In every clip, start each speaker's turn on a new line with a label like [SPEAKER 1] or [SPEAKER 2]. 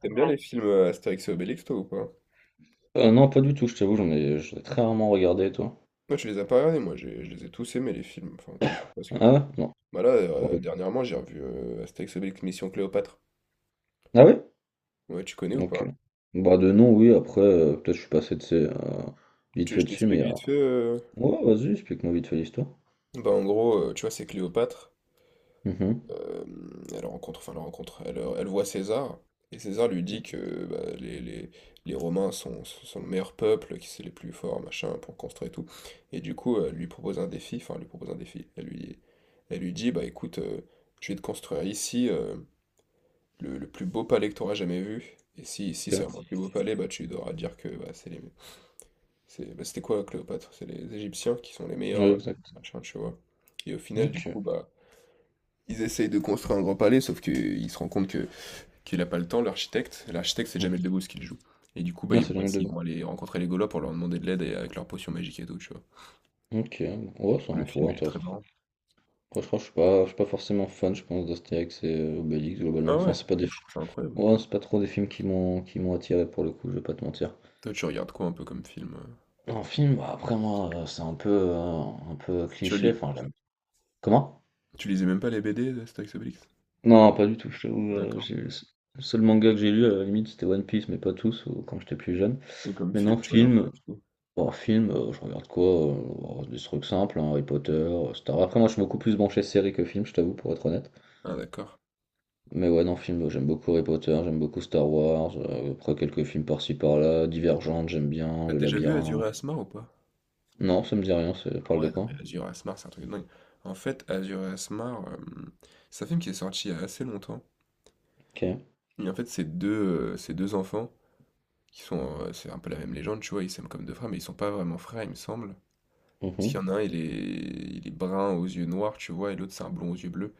[SPEAKER 1] T'aimes bien
[SPEAKER 2] Ouais.
[SPEAKER 1] les films Astérix et Obélix, toi, ou pas?
[SPEAKER 2] Non, pas du tout, je t'avoue, j'en ai très rarement regardé, toi.
[SPEAKER 1] Moi, je les ai pas regardés, moi, je les ai tous aimés, les films, enfin, tous, presque
[SPEAKER 2] Ah
[SPEAKER 1] tous.
[SPEAKER 2] ouais? Non, pour le coup.
[SPEAKER 1] Dernièrement, j'ai revu Astérix et Obélix Mission Cléopâtre.
[SPEAKER 2] Ah ouais?
[SPEAKER 1] Ouais, tu connais ou
[SPEAKER 2] Ok.
[SPEAKER 1] pas?
[SPEAKER 2] Bah de nom, oui, après, peut-être je suis passé de ces, vite fait
[SPEAKER 1] Je
[SPEAKER 2] dessus,
[SPEAKER 1] t'explique
[SPEAKER 2] mais.
[SPEAKER 1] vite fait.
[SPEAKER 2] Ouais, vas-y, explique-moi vite fait l'histoire.
[SPEAKER 1] Bah, en gros, tu vois, c'est Cléopâtre.
[SPEAKER 2] Mhm.
[SPEAKER 1] Euh, Elle rencontre, enfin, elle rencontre, elle voit César, et César lui dit que bah, les Romains sont le meilleur peuple, qui c'est les plus forts, machin, pour construire et tout. Et du coup, elle lui propose un défi, enfin, elle lui propose un défi. Elle lui dit, bah écoute, je vais te construire ici le plus beau palais que tu auras jamais vu. Et si c'est
[SPEAKER 2] Ok.
[SPEAKER 1] vraiment le plus beau palais, bah tu devras dire que bah, c'est les. Bah, c'était quoi Cléopâtre? C'est les Égyptiens qui sont les
[SPEAKER 2] Ouais,
[SPEAKER 1] meilleurs,
[SPEAKER 2] exact.
[SPEAKER 1] machin, tu vois. Et au final, du
[SPEAKER 2] Ok.
[SPEAKER 1] coup, bah. Ils essayent de construire un grand palais, sauf qu'ils se rendent compte que qu'il n'a pas le temps, l'architecte. L'architecte, c'est
[SPEAKER 2] Mhm.
[SPEAKER 1] Jamel Debbouze qui le joue. Et du coup, bah,
[SPEAKER 2] Ah,
[SPEAKER 1] ils
[SPEAKER 2] c'est
[SPEAKER 1] vont
[SPEAKER 2] jamais
[SPEAKER 1] essayer,
[SPEAKER 2] de.
[SPEAKER 1] ils vont aller rencontrer les Gaulois pour leur demander de l'aide et avec leur potion magique et tout, tu vois.
[SPEAKER 2] Ok,
[SPEAKER 1] Et
[SPEAKER 2] ouais,
[SPEAKER 1] du
[SPEAKER 2] c'est
[SPEAKER 1] coup, le
[SPEAKER 2] un
[SPEAKER 1] film,
[SPEAKER 2] tour
[SPEAKER 1] il est très
[SPEAKER 2] intéressant.
[SPEAKER 1] marrant.
[SPEAKER 2] Après, je crois que je suis pas forcément fan, je pense, d'Astérix et Obélix, globalement.
[SPEAKER 1] Ah
[SPEAKER 2] Enfin,
[SPEAKER 1] ouais,
[SPEAKER 2] c'est pas des
[SPEAKER 1] moi je
[SPEAKER 2] films.
[SPEAKER 1] trouve ça incroyable.
[SPEAKER 2] Ouais, c'est pas trop des films qui m'ont attiré, pour le coup, je vais pas te mentir.
[SPEAKER 1] Toi, tu regardes quoi un peu comme film?
[SPEAKER 2] En film, bah, après moi, c'est un peu
[SPEAKER 1] Tu
[SPEAKER 2] cliché,
[SPEAKER 1] lis,
[SPEAKER 2] enfin j'aime comment?
[SPEAKER 1] tu lisais même pas les BD d'Astérix Obélix?
[SPEAKER 2] Non, pas du tout, je t'avoue,
[SPEAKER 1] Ah, d'accord.
[SPEAKER 2] j'ai le seul manga que j'ai lu, à la limite, c'était One Piece, mais pas tous, ou quand j'étais plus jeune.
[SPEAKER 1] Et comme
[SPEAKER 2] Mais non,
[SPEAKER 1] film, tu regardes quoi
[SPEAKER 2] film,
[SPEAKER 1] du coup?
[SPEAKER 2] oh film, je regarde quoi? Heu, oh, des trucs simples, hein, Harry Potter, Star après moi je suis beaucoup plus branché série que film, je t'avoue, pour être honnête.
[SPEAKER 1] Ah d'accord.
[SPEAKER 2] Mais ouais, non, film, j'aime beaucoup Harry Potter, j'aime beaucoup Star Wars, après quelques films par-ci par-là, Divergente, j'aime bien,
[SPEAKER 1] T'as
[SPEAKER 2] Le
[SPEAKER 1] déjà vu Azur
[SPEAKER 2] Labyrinthe.
[SPEAKER 1] et Asmar ou pas?
[SPEAKER 2] Non, ça me dit rien, ça
[SPEAKER 1] Ah
[SPEAKER 2] parle de
[SPEAKER 1] ouais, non
[SPEAKER 2] quoi?
[SPEAKER 1] mais Azur et Asmar, c'est un truc de dingue. En fait, Azur et Asmar, c'est un film qui est sorti il y a assez longtemps.
[SPEAKER 2] OK.
[SPEAKER 1] Et en fait, ces 2 enfants qui sont, c'est un peu la même légende, tu vois? Ils s'aiment comme 2 frères, mais ils sont pas vraiment frères, il me semble. Parce qu'il y en
[SPEAKER 2] Mmh.
[SPEAKER 1] a un, il est brun aux yeux noirs, tu vois? Et l'autre, c'est un blond aux yeux bleus.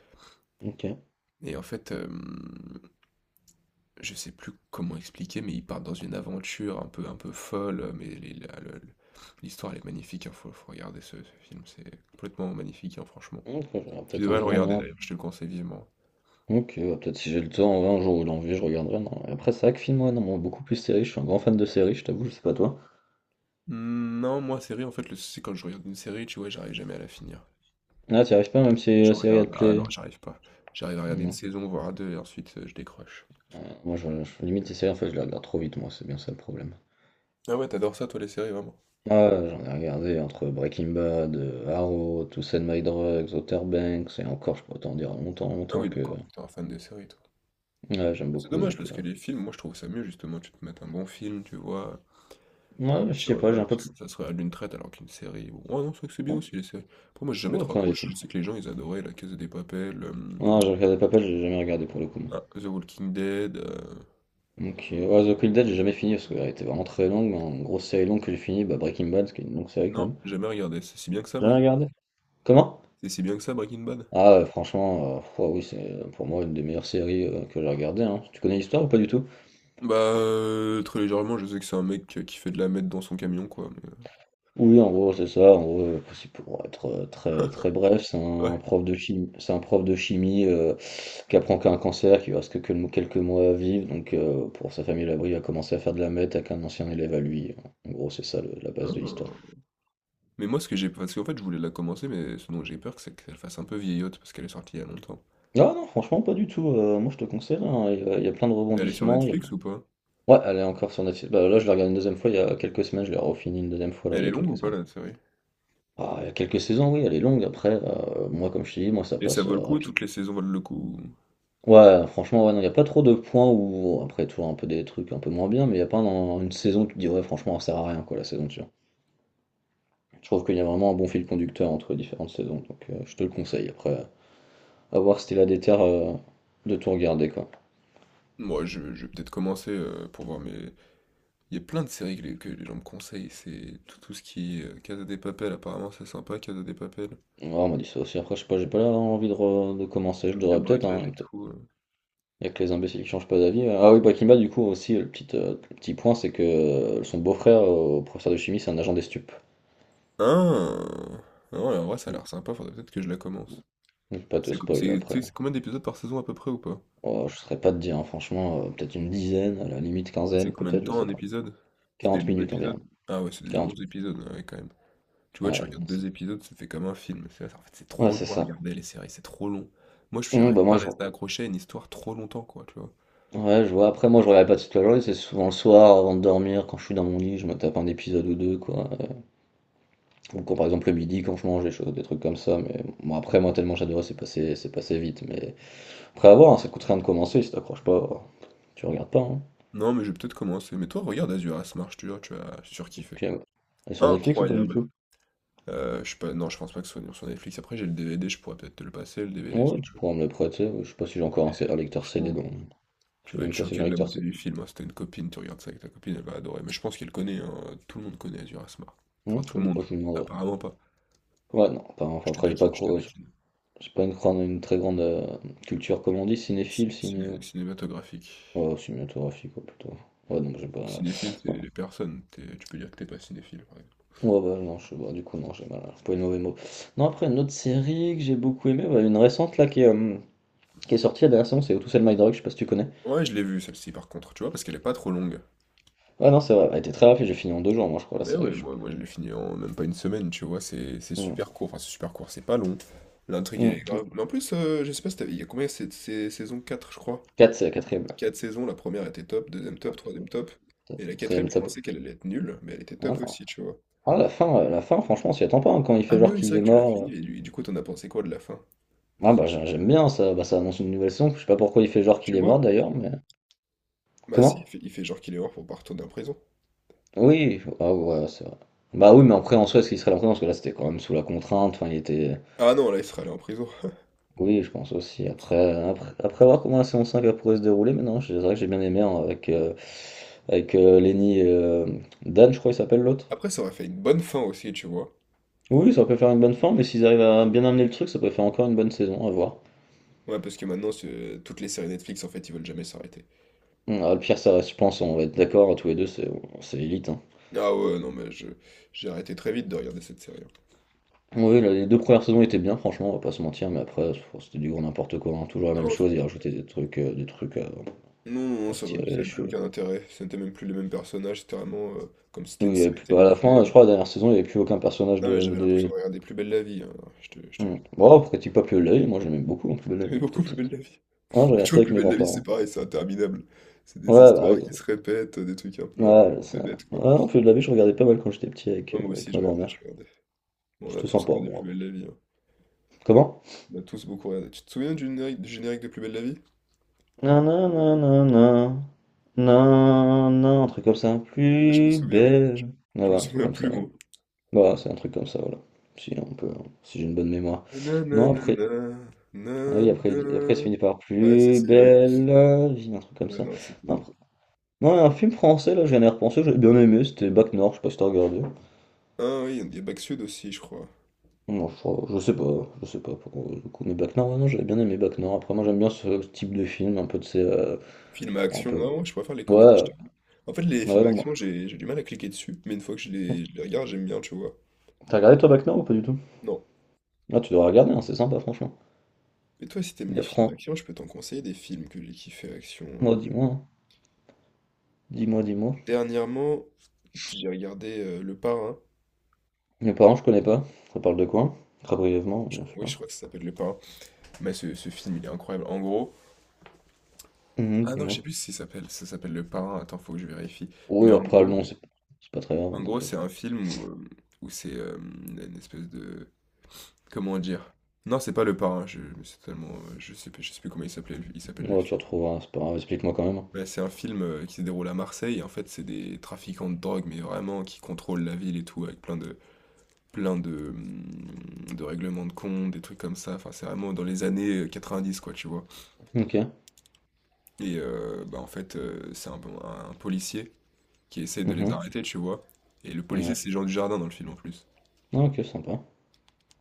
[SPEAKER 2] OK.
[SPEAKER 1] Et en fait, je sais plus comment expliquer, mais ils partent dans une aventure un peu folle, mais les la le l'histoire, elle est magnifique, hein, faut regarder ce film, c'est complètement magnifique, hein, franchement.
[SPEAKER 2] Ok, je regarde
[SPEAKER 1] Tu
[SPEAKER 2] peut-être un
[SPEAKER 1] devrais le
[SPEAKER 2] jour,
[SPEAKER 1] regarder
[SPEAKER 2] non.
[SPEAKER 1] d'ailleurs, je te le conseille vivement.
[SPEAKER 2] Ok, ouais, peut-être si j'ai le temps, ouais, un jour ou l'envie, je regarderai. Non. Et après, c'est vrai que film, ouais, non, bon, beaucoup plus série, je suis un grand fan de séries, je t'avoue, je sais pas toi.
[SPEAKER 1] Mmh, non, moi, série, en fait, le souci, c'est quand je regarde une série, tu vois, j'arrive jamais à la finir.
[SPEAKER 2] Ah, t'y arrives pas, même si
[SPEAKER 1] Je
[SPEAKER 2] la série, elle
[SPEAKER 1] regarde
[SPEAKER 2] te
[SPEAKER 1] ah
[SPEAKER 2] plaît.
[SPEAKER 1] non, j'arrive pas. J'arrive à regarder une
[SPEAKER 2] Non.
[SPEAKER 1] saison, voire 2 et ensuite, je décroche.
[SPEAKER 2] Euh, moi, limite, les séries, en fait, je les regarde trop vite, moi, c'est bien ça le problème.
[SPEAKER 1] Ah ouais, t'adores ça toi, les séries, vraiment?
[SPEAKER 2] Ah, j'en ai regardé entre Breaking Bad, Arrow, To Sell My Drugs, Outer Banks, et encore, je pourrais t'en dire longtemps,
[SPEAKER 1] Ah
[SPEAKER 2] longtemps
[SPEAKER 1] oui,
[SPEAKER 2] que
[SPEAKER 1] d'accord, t'es un fan des séries, toi.
[SPEAKER 2] ouais, j'aime
[SPEAKER 1] Bah, c'est
[SPEAKER 2] beaucoup,
[SPEAKER 1] dommage
[SPEAKER 2] donc.
[SPEAKER 1] parce que les films, moi je trouve ça mieux justement, tu te mates un bon film, tu vois, t'as un
[SPEAKER 2] Ouais, je
[SPEAKER 1] petit
[SPEAKER 2] sais pas, j'ai
[SPEAKER 1] repas,
[SPEAKER 2] un peu plus.
[SPEAKER 1] ça se regarde d'une traite alors qu'une série, bon, ah non, c'est vrai que c'est bien
[SPEAKER 2] Non,
[SPEAKER 1] aussi les séries. Pour moi j'ai jamais
[SPEAKER 2] ou
[SPEAKER 1] trop
[SPEAKER 2] après, les
[SPEAKER 1] accroché,
[SPEAKER 2] films.
[SPEAKER 1] je sais que les gens ils adoraient La Casa des Papel,
[SPEAKER 2] Non, j'ai regardé pas mal, j'ai jamais regardé pour le coup.
[SPEAKER 1] ah, The Walking Dead,
[SPEAKER 2] Donc, ouais, The Quick Dead, j'ai jamais fini parce qu'elle était vraiment très longue, mais en grosse série longue que j'ai fini, bah Breaking Bad, qui est une longue série quand
[SPEAKER 1] non,
[SPEAKER 2] même.
[SPEAKER 1] jamais regardé, c'est si bien que ça
[SPEAKER 2] J'ai jamais
[SPEAKER 1] Breaking Bad.
[SPEAKER 2] regardé. Comment?
[SPEAKER 1] C'est si bien que ça Breaking Bad?
[SPEAKER 2] Ah, franchement, ouais, oui, c'est pour moi une des meilleures séries que j'ai regardées, hein. Tu connais l'histoire ou pas du tout?
[SPEAKER 1] Bah, très légèrement, je sais que c'est un mec, qui fait de la meth dans son camion quoi, mais
[SPEAKER 2] Oui, en gros, c'est ça. En gros, c'est pour être très très bref, c'est
[SPEAKER 1] heu
[SPEAKER 2] un prof de chimie, c'est un prof de chimie qui apprend qu'il a un cancer, qui lui reste que quelques mois à vivre. Donc, pour sa famille à l'abri, il a commencé à faire de la meth avec un ancien élève à lui. En gros, c'est ça la base de l'histoire.
[SPEAKER 1] ah. Mais moi, ce que j'ai. Parce qu'en fait, je voulais la commencer, mais ce dont j'ai peur, c'est qu'elle fasse un peu vieillotte, parce qu'elle est sortie il y a longtemps.
[SPEAKER 2] Non, non, franchement, pas du tout. Moi, je te conseille, hein. Il y a plein de
[SPEAKER 1] Elle est sur
[SPEAKER 2] rebondissements.
[SPEAKER 1] Netflix ou pas?
[SPEAKER 2] Ouais, elle est encore sur Netflix. Bah, là, je l'ai regardée une deuxième fois il y a quelques semaines. Je l'ai refini une deuxième fois,
[SPEAKER 1] Mais
[SPEAKER 2] là, il
[SPEAKER 1] elle
[SPEAKER 2] y
[SPEAKER 1] est
[SPEAKER 2] a
[SPEAKER 1] longue
[SPEAKER 2] quelques
[SPEAKER 1] ou pas,
[SPEAKER 2] semaines.
[SPEAKER 1] la série?
[SPEAKER 2] Ah, il y a quelques saisons, oui, elle est longue. Après, moi, comme je te dis, moi, ça
[SPEAKER 1] Et ça
[SPEAKER 2] passe
[SPEAKER 1] vaut le coup?
[SPEAKER 2] rapide.
[SPEAKER 1] Toutes les saisons valent le coup?
[SPEAKER 2] Ouais, franchement, ouais, non, il n'y a pas trop de points où, après, tu vois, un peu des trucs un peu moins bien, mais il n'y a pas une saison où tu te dis, ouais, franchement, ça sert à rien, quoi, la saison dessus. Je trouve qu'il y a vraiment un bon fil conducteur entre les différentes saisons. Donc, je te le conseille. Après, à voir si t'es là des terres de tout regarder, quoi.
[SPEAKER 1] Moi, je vais peut-être commencer pour voir, mais il y a plein de séries que les gens me conseillent. C'est tout, tout ce qui est Casa de Papel, apparemment, c'est sympa, Casa de Papel.
[SPEAKER 2] Ouais, on m'a dit ça aussi. Après, je sais pas, j'ai pas l'air d'avoir envie de, de commencer. Je
[SPEAKER 1] Truc de
[SPEAKER 2] devrais peut-être, hein.
[SPEAKER 1] braquage
[SPEAKER 2] Mais
[SPEAKER 1] et
[SPEAKER 2] peut-être.
[SPEAKER 1] tout.
[SPEAKER 2] Il y a que les imbéciles qui changent pas d'avis. Ah oui, Bakimba, du coup, aussi, le petit point, c'est que son beau-frère, professeur de chimie, c'est un agent des stupes.
[SPEAKER 1] Ah! Non, en vrai, ça a
[SPEAKER 2] Donc,
[SPEAKER 1] l'air sympa, faudrait peut-être que je la commence.
[SPEAKER 2] je vais pas te spoil
[SPEAKER 1] Tu
[SPEAKER 2] après,
[SPEAKER 1] sais,
[SPEAKER 2] hein.
[SPEAKER 1] c'est combien d'épisodes par saison à peu près ou pas?
[SPEAKER 2] Oh, je saurais pas te dire, hein, franchement, peut-être une dizaine, à la limite
[SPEAKER 1] C'est
[SPEAKER 2] quinzaine,
[SPEAKER 1] combien de
[SPEAKER 2] peut-être, je
[SPEAKER 1] temps
[SPEAKER 2] sais
[SPEAKER 1] un
[SPEAKER 2] pas.
[SPEAKER 1] épisode? C'était
[SPEAKER 2] quarante
[SPEAKER 1] 12
[SPEAKER 2] minutes
[SPEAKER 1] épisodes?
[SPEAKER 2] environ.
[SPEAKER 1] Ah ouais, c'est des longs
[SPEAKER 2] 40 minutes.
[SPEAKER 1] épisodes, ouais, quand même. Tu vois, tu
[SPEAKER 2] Ouais,
[SPEAKER 1] regardes
[SPEAKER 2] non, c'est
[SPEAKER 1] deux épisodes, ça fait comme un film. En fait, c'est
[SPEAKER 2] ouais,
[SPEAKER 1] trop
[SPEAKER 2] c'est
[SPEAKER 1] long à
[SPEAKER 2] ça.
[SPEAKER 1] regarder les séries, c'est trop long. Moi, je n'arrive
[SPEAKER 2] Bah
[SPEAKER 1] pas
[SPEAKER 2] moi,
[SPEAKER 1] à
[SPEAKER 2] je.
[SPEAKER 1] rester accroché à une histoire trop longtemps, quoi, tu vois.
[SPEAKER 2] Ouais, je vois. Après, moi, je regarde pas toute la journée, c'est souvent le soir, avant de dormir, quand je suis dans mon lit, je me tape un épisode ou deux, quoi. Ou quand par exemple le midi quand je mange des choses, des trucs comme ça, mais bon après moi tellement j'adorais c'est passé vite, mais après à voir hein, ça coûte rien de commencer si t'accroches pas, tu regardes pas hein.
[SPEAKER 1] Non, mais je vais peut-être commencer. Mais toi, regarde Azura's Marche, tu vois, tu as
[SPEAKER 2] Ok,
[SPEAKER 1] surkiffé.
[SPEAKER 2] ouais. Et sur Netflix ou pas du
[SPEAKER 1] Incroyable.
[SPEAKER 2] tout?
[SPEAKER 1] Je sais pas, non, je pense pas que ce soit sur Netflix. Après, j'ai le DVD, je pourrais peut-être te le passer, le DVD, si
[SPEAKER 2] Ouais,
[SPEAKER 1] tu
[SPEAKER 2] tu
[SPEAKER 1] veux.
[SPEAKER 2] pourras me le prêter, je sais pas si j'ai encore un,
[SPEAKER 1] Et
[SPEAKER 2] Un lecteur CD,
[SPEAKER 1] franchement,
[SPEAKER 2] donc je
[SPEAKER 1] tu
[SPEAKER 2] sais
[SPEAKER 1] vas être
[SPEAKER 2] même pas si j'ai un
[SPEAKER 1] choqué de la
[SPEAKER 2] lecteur
[SPEAKER 1] beauté
[SPEAKER 2] CD.
[SPEAKER 1] du film. Hein. Si t'as une copine, tu regardes ça avec ta copine, elle va adorer. Mais je pense qu'elle connaît, hein. Tout le monde connaît Azur Asmar.
[SPEAKER 2] Hmm,
[SPEAKER 1] Enfin, tout
[SPEAKER 2] je
[SPEAKER 1] le
[SPEAKER 2] je
[SPEAKER 1] monde.
[SPEAKER 2] vous demanderai.
[SPEAKER 1] Apparemment pas.
[SPEAKER 2] Ouais non, pas-
[SPEAKER 1] Je
[SPEAKER 2] enfin
[SPEAKER 1] te
[SPEAKER 2] après
[SPEAKER 1] taquine, je te
[SPEAKER 2] j'ai
[SPEAKER 1] taquine.
[SPEAKER 2] j'ai pas une, une très grande culture comme on dit, cinéphile, ciné.
[SPEAKER 1] Cinématographique.
[SPEAKER 2] Oh, cinématographique quoi, plutôt. Ouais donc j'ai pas.
[SPEAKER 1] Cinéphile, c'est les personnes. Tu peux dire que t'es pas cinéphile, par exemple.
[SPEAKER 2] Ouais, bah, non, je bah, du coup, non, j'ai mal employé le mauvais mot. Non, après, une autre série que j'ai beaucoup aimée, bah, une récente là qui est sortie la dernière saison, c'est How to Sell My Dog, je sais pas si tu connais.
[SPEAKER 1] Ouais, je l'ai vue, celle-ci, par contre, tu vois, parce qu'elle est pas trop longue.
[SPEAKER 2] Ouais, non, c'est vrai, elle était très rapide, j'ai fini en 2 jours, moi, je crois, la
[SPEAKER 1] Mais
[SPEAKER 2] série.
[SPEAKER 1] ouais, moi je l'ai fini en même pas une semaine, tu vois. C'est
[SPEAKER 2] Hmm.
[SPEAKER 1] super court. Enfin, c'est super court, c'est pas long. L'intrigue, elle est
[SPEAKER 2] Hmm.
[SPEAKER 1] grave. Mais en plus, je sais pas si il y a combien? C'est saison 4, je crois.
[SPEAKER 2] Quatre, c'est la quatrième, là.
[SPEAKER 1] Quatre saisons, la première était top, deuxième top, troisième top. Et la quatrième,
[SPEAKER 2] Quatrième
[SPEAKER 1] je
[SPEAKER 2] top.
[SPEAKER 1] pensais qu'elle allait être nulle, mais elle était
[SPEAKER 2] Ah,
[SPEAKER 1] top
[SPEAKER 2] non.
[SPEAKER 1] aussi, tu vois.
[SPEAKER 2] Ah, la fin, franchement, on s'y attend pas, hein, quand il
[SPEAKER 1] Ah
[SPEAKER 2] fait
[SPEAKER 1] mais
[SPEAKER 2] genre
[SPEAKER 1] oui, c'est
[SPEAKER 2] qu'il
[SPEAKER 1] vrai
[SPEAKER 2] est
[SPEAKER 1] que tu l'as
[SPEAKER 2] mort,
[SPEAKER 1] fini, et du coup, t'en as pensé quoi de la fin?
[SPEAKER 2] Ah, bah, j'aime bien ça, bah, ça annonce une nouvelle saison, je sais pas pourquoi il fait genre qu'il
[SPEAKER 1] Tu
[SPEAKER 2] est mort
[SPEAKER 1] vois?
[SPEAKER 2] d'ailleurs, mais.
[SPEAKER 1] Bah si,
[SPEAKER 2] Comment?
[SPEAKER 1] il fait genre qu'il est mort pour pas retourner en prison.
[SPEAKER 2] Oui, ah, ouais, c'est vrai. Bah oui, mais après, en soi, est-ce qu'il serait là? Parce que là, c'était quand même sous la contrainte, enfin, il était.
[SPEAKER 1] Ah non, là, il serait allé en prison.
[SPEAKER 2] Oui, je pense aussi. Après voir comment la saison 5 elle pourrait se dérouler, maintenant, c'est vrai que j'ai bien aimé, hein, avec, avec Lenny et, Dan, je crois qu'il s'appelle l'autre.
[SPEAKER 1] Après, ça aurait fait une bonne fin aussi, tu vois.
[SPEAKER 2] Oui, ça peut faire une bonne fin, mais s'ils arrivent à bien amener le truc, ça peut faire encore une bonne saison, à voir.
[SPEAKER 1] Ouais, parce que maintenant, toutes les séries Netflix, en fait, ils veulent jamais s'arrêter.
[SPEAKER 2] Ah, le pire, ça reste, je pense, on va être d'accord, tous les deux, c'est Elite, hein.
[SPEAKER 1] Ah ouais, non, j'ai arrêté très vite de regarder cette série. Hein.
[SPEAKER 2] Oui, là, les deux premières saisons étaient bien, franchement, on va pas se mentir, mais après, c'était du gros n'importe quoi, hein, toujours la même
[SPEAKER 1] Non,
[SPEAKER 2] chose, ils
[SPEAKER 1] c'est-
[SPEAKER 2] rajoutaient des trucs à,
[SPEAKER 1] non, non,
[SPEAKER 2] se
[SPEAKER 1] ça
[SPEAKER 2] tirer les
[SPEAKER 1] n'avait plus
[SPEAKER 2] cheveux.
[SPEAKER 1] aucun intérêt. C'était même plus les mêmes personnages, c'était vraiment comme si c'était
[SPEAKER 2] Oui,
[SPEAKER 1] une
[SPEAKER 2] il y avait
[SPEAKER 1] série
[SPEAKER 2] plus, à la fin, je
[SPEAKER 1] télévisée.
[SPEAKER 2] crois, la dernière saison, il n'y avait plus aucun personnage
[SPEAKER 1] Non, mais
[SPEAKER 2] de,
[SPEAKER 1] j'avais l'impression
[SPEAKER 2] des.
[SPEAKER 1] de regarder Plus belle la vie. Hein. Je te, je te,
[SPEAKER 2] Mmh. Bon, après Tip-Top le Laid, moi j'aimais beaucoup en plus le Laid
[SPEAKER 1] J'aimais
[SPEAKER 2] quand j'étais
[SPEAKER 1] beaucoup Plus
[SPEAKER 2] petit, hein.
[SPEAKER 1] belle la vie.
[SPEAKER 2] Je regardais
[SPEAKER 1] Tu
[SPEAKER 2] ça
[SPEAKER 1] vois,
[SPEAKER 2] avec
[SPEAKER 1] Plus
[SPEAKER 2] mes
[SPEAKER 1] belle la vie, c'est
[SPEAKER 2] grands-parents.
[SPEAKER 1] pareil, c'est interminable. C'est des
[SPEAKER 2] Ouais, bah
[SPEAKER 1] histoires
[SPEAKER 2] oui.
[SPEAKER 1] qui se répètent, des trucs un peu à
[SPEAKER 2] Ouais,
[SPEAKER 1] la
[SPEAKER 2] ça.
[SPEAKER 1] bébête, quoi.
[SPEAKER 2] Ouais, non, Feu de la vie, je regardais pas mal quand j'étais petit avec,
[SPEAKER 1] Non, moi aussi,
[SPEAKER 2] avec
[SPEAKER 1] je
[SPEAKER 2] ma
[SPEAKER 1] regardais,
[SPEAKER 2] grand-mère.
[SPEAKER 1] je regardais. Bon, on a
[SPEAKER 2] C'était
[SPEAKER 1] tous
[SPEAKER 2] sympa,
[SPEAKER 1] regardé
[SPEAKER 2] bon,
[SPEAKER 1] Plus
[SPEAKER 2] après.
[SPEAKER 1] belle la vie. Hein.
[SPEAKER 2] Comment?
[SPEAKER 1] On a tous beaucoup regardé. Tu te souviens du générique de Plus belle la vie?
[SPEAKER 2] Nananana, nanan, un truc comme ça.
[SPEAKER 1] Ah, je me
[SPEAKER 2] Plus
[SPEAKER 1] souviens.
[SPEAKER 2] belle. Ah
[SPEAKER 1] Je
[SPEAKER 2] ouais,
[SPEAKER 1] me
[SPEAKER 2] un truc
[SPEAKER 1] souviens
[SPEAKER 2] comme ça,
[SPEAKER 1] plus,
[SPEAKER 2] ouais.
[SPEAKER 1] moi.
[SPEAKER 2] Voilà, c'est un truc comme ça, voilà. Si on peut, si j'ai une bonne mémoire. Non,
[SPEAKER 1] Nananana,
[SPEAKER 2] après, ah oui, après, après, ça
[SPEAKER 1] nanana.
[SPEAKER 2] finit par
[SPEAKER 1] Ouais,
[SPEAKER 2] plus
[SPEAKER 1] si, oui.
[SPEAKER 2] belle la vie, un truc comme
[SPEAKER 1] Ouais,
[SPEAKER 2] ça.
[SPEAKER 1] non,
[SPEAKER 2] Non,
[SPEAKER 1] c'était...
[SPEAKER 2] ouais, un film français, là, je viens d'y repenser, j'avais bien aimé, c'était Bac Nord, je sais pas si t'as regardé.
[SPEAKER 1] Ah oui, il y a Back Sud aussi, je crois.
[SPEAKER 2] Non, je sais pas pour le coup, mais Bac Nord, ouais, non, j'avais bien aimé Bac Nord. Après, moi, j'aime bien ce type de film, un peu de ces,
[SPEAKER 1] Film à
[SPEAKER 2] un
[SPEAKER 1] action,
[SPEAKER 2] peu.
[SPEAKER 1] non, moi je préfère les
[SPEAKER 2] Ouais,
[SPEAKER 1] comédies. Je t'avoue. En fait, les
[SPEAKER 2] ouais,
[SPEAKER 1] films à
[SPEAKER 2] non, moi.
[SPEAKER 1] action, j'ai du mal à cliquer dessus, mais une fois que je les regarde, j'aime bien, tu vois.
[SPEAKER 2] T'as regardé toi Bac Nord ou pas du tout?
[SPEAKER 1] Non.
[SPEAKER 2] Ah, tu dois regarder, hein, c'est sympa, franchement.
[SPEAKER 1] Et toi, si t'aimes
[SPEAKER 2] Mais
[SPEAKER 1] les films
[SPEAKER 2] après,
[SPEAKER 1] à action, je peux t'en conseiller des films que j'ai kiffé action.
[SPEAKER 2] moi, dis-moi, hein, dis-moi, dis-moi.
[SPEAKER 1] Dernièrement, j'ai regardé Le Parrain.
[SPEAKER 2] Mes parents, je connais pas, ça parle de quoi? Très brièvement, bien
[SPEAKER 1] Oui, je
[SPEAKER 2] sûr.
[SPEAKER 1] crois que ça s'appelle Le Parrain. Mais ce film, il est incroyable. En gros.
[SPEAKER 2] Mhm,
[SPEAKER 1] Ah non, je sais
[SPEAKER 2] dis-moi.
[SPEAKER 1] plus si ça s'appelle. Ça s'appelle Le Parrain. Attends, faut que je vérifie. Mais
[SPEAKER 2] Oui,
[SPEAKER 1] en
[SPEAKER 2] après, le
[SPEAKER 1] gros,
[SPEAKER 2] nom, c'est pas très grave,
[SPEAKER 1] En
[SPEAKER 2] hein,
[SPEAKER 1] gros, c'est
[SPEAKER 2] t'inquiète.
[SPEAKER 1] un film où, où c'est une espèce de. Comment dire? Non, c'est pas Le Parrain, je mais c'est tellement, je sais plus comment il s'appelle le
[SPEAKER 2] Ouais, tu
[SPEAKER 1] film.
[SPEAKER 2] retrouveras, c'est pas grave, explique-moi quand même.
[SPEAKER 1] Bah, c'est un film, qui se déroule à Marseille et en fait, c'est des trafiquants de drogue, mais vraiment qui contrôlent la ville et tout avec plein de, de règlements de compte, des trucs comme ça. Enfin, c'est vraiment dans les années, 90, quoi, tu vois?
[SPEAKER 2] Ok.
[SPEAKER 1] Et c'est un policier qui essaie de les
[SPEAKER 2] Mhm.
[SPEAKER 1] arrêter, tu vois? Et le policier,
[SPEAKER 2] Ouais,
[SPEAKER 1] c'est Jean Dujardin dans le film en plus.
[SPEAKER 2] ah, ok, sympa.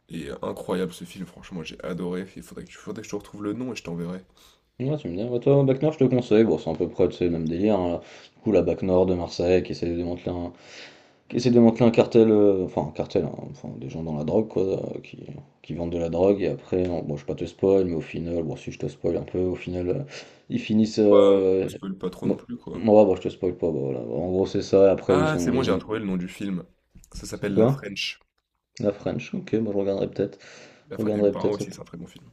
[SPEAKER 1] Et incroyable ce film, franchement, j'ai adoré. Il faudrait que tu faudrait que je te retrouve le nom et je t'enverrai.
[SPEAKER 2] Ouais, tu me dis, bah, toi, Bac Nord, je te conseille. Bon, c'est à peu près, tu sais, le même délire, hein. Du coup, la Bac Nord de Marseille qui essaie de démanteler un, qui essaie de démanteler un cartel, enfin, un cartel, hein, enfin, des gens dans la drogue, quoi, euh, qui, qui vendent de la drogue. Et après, bon, bon, je vais pas te spoil, mais au final, bon, si je te spoil un peu, au final, ils finissent,
[SPEAKER 1] Bah, spoil pas trop non
[SPEAKER 2] bon,
[SPEAKER 1] plus, quoi.
[SPEAKER 2] ouais, bon, je te spoil pas, bon, voilà. En gros, c'est ça. Et après,
[SPEAKER 1] Ah, c'est moi, j'ai retrouvé le nom du film. Ça
[SPEAKER 2] c'est
[SPEAKER 1] s'appelle La
[SPEAKER 2] quoi?
[SPEAKER 1] French.
[SPEAKER 2] La French. Ok, moi, je regarderai peut-être.
[SPEAKER 1] La
[SPEAKER 2] Je
[SPEAKER 1] French. Et le
[SPEAKER 2] regarderai
[SPEAKER 1] parrain
[SPEAKER 2] peut-être,
[SPEAKER 1] aussi, c'est un très bon film.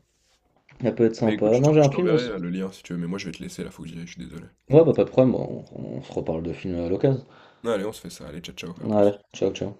[SPEAKER 2] ça peut être
[SPEAKER 1] Mais écoute,
[SPEAKER 2] sympa. Non, j'ai
[SPEAKER 1] je
[SPEAKER 2] un film
[SPEAKER 1] t'enverrai
[SPEAKER 2] aussi.
[SPEAKER 1] le lien si tu veux, mais moi je vais te laisser là, faut que j'y aille, je suis désolé.
[SPEAKER 2] Ouais, bah, pas de problème, bon, on se reparle de films à l'occasion.
[SPEAKER 1] Allez, on se fait ça, allez, ciao ciao, à plus.
[SPEAKER 2] Vale, chao, chao.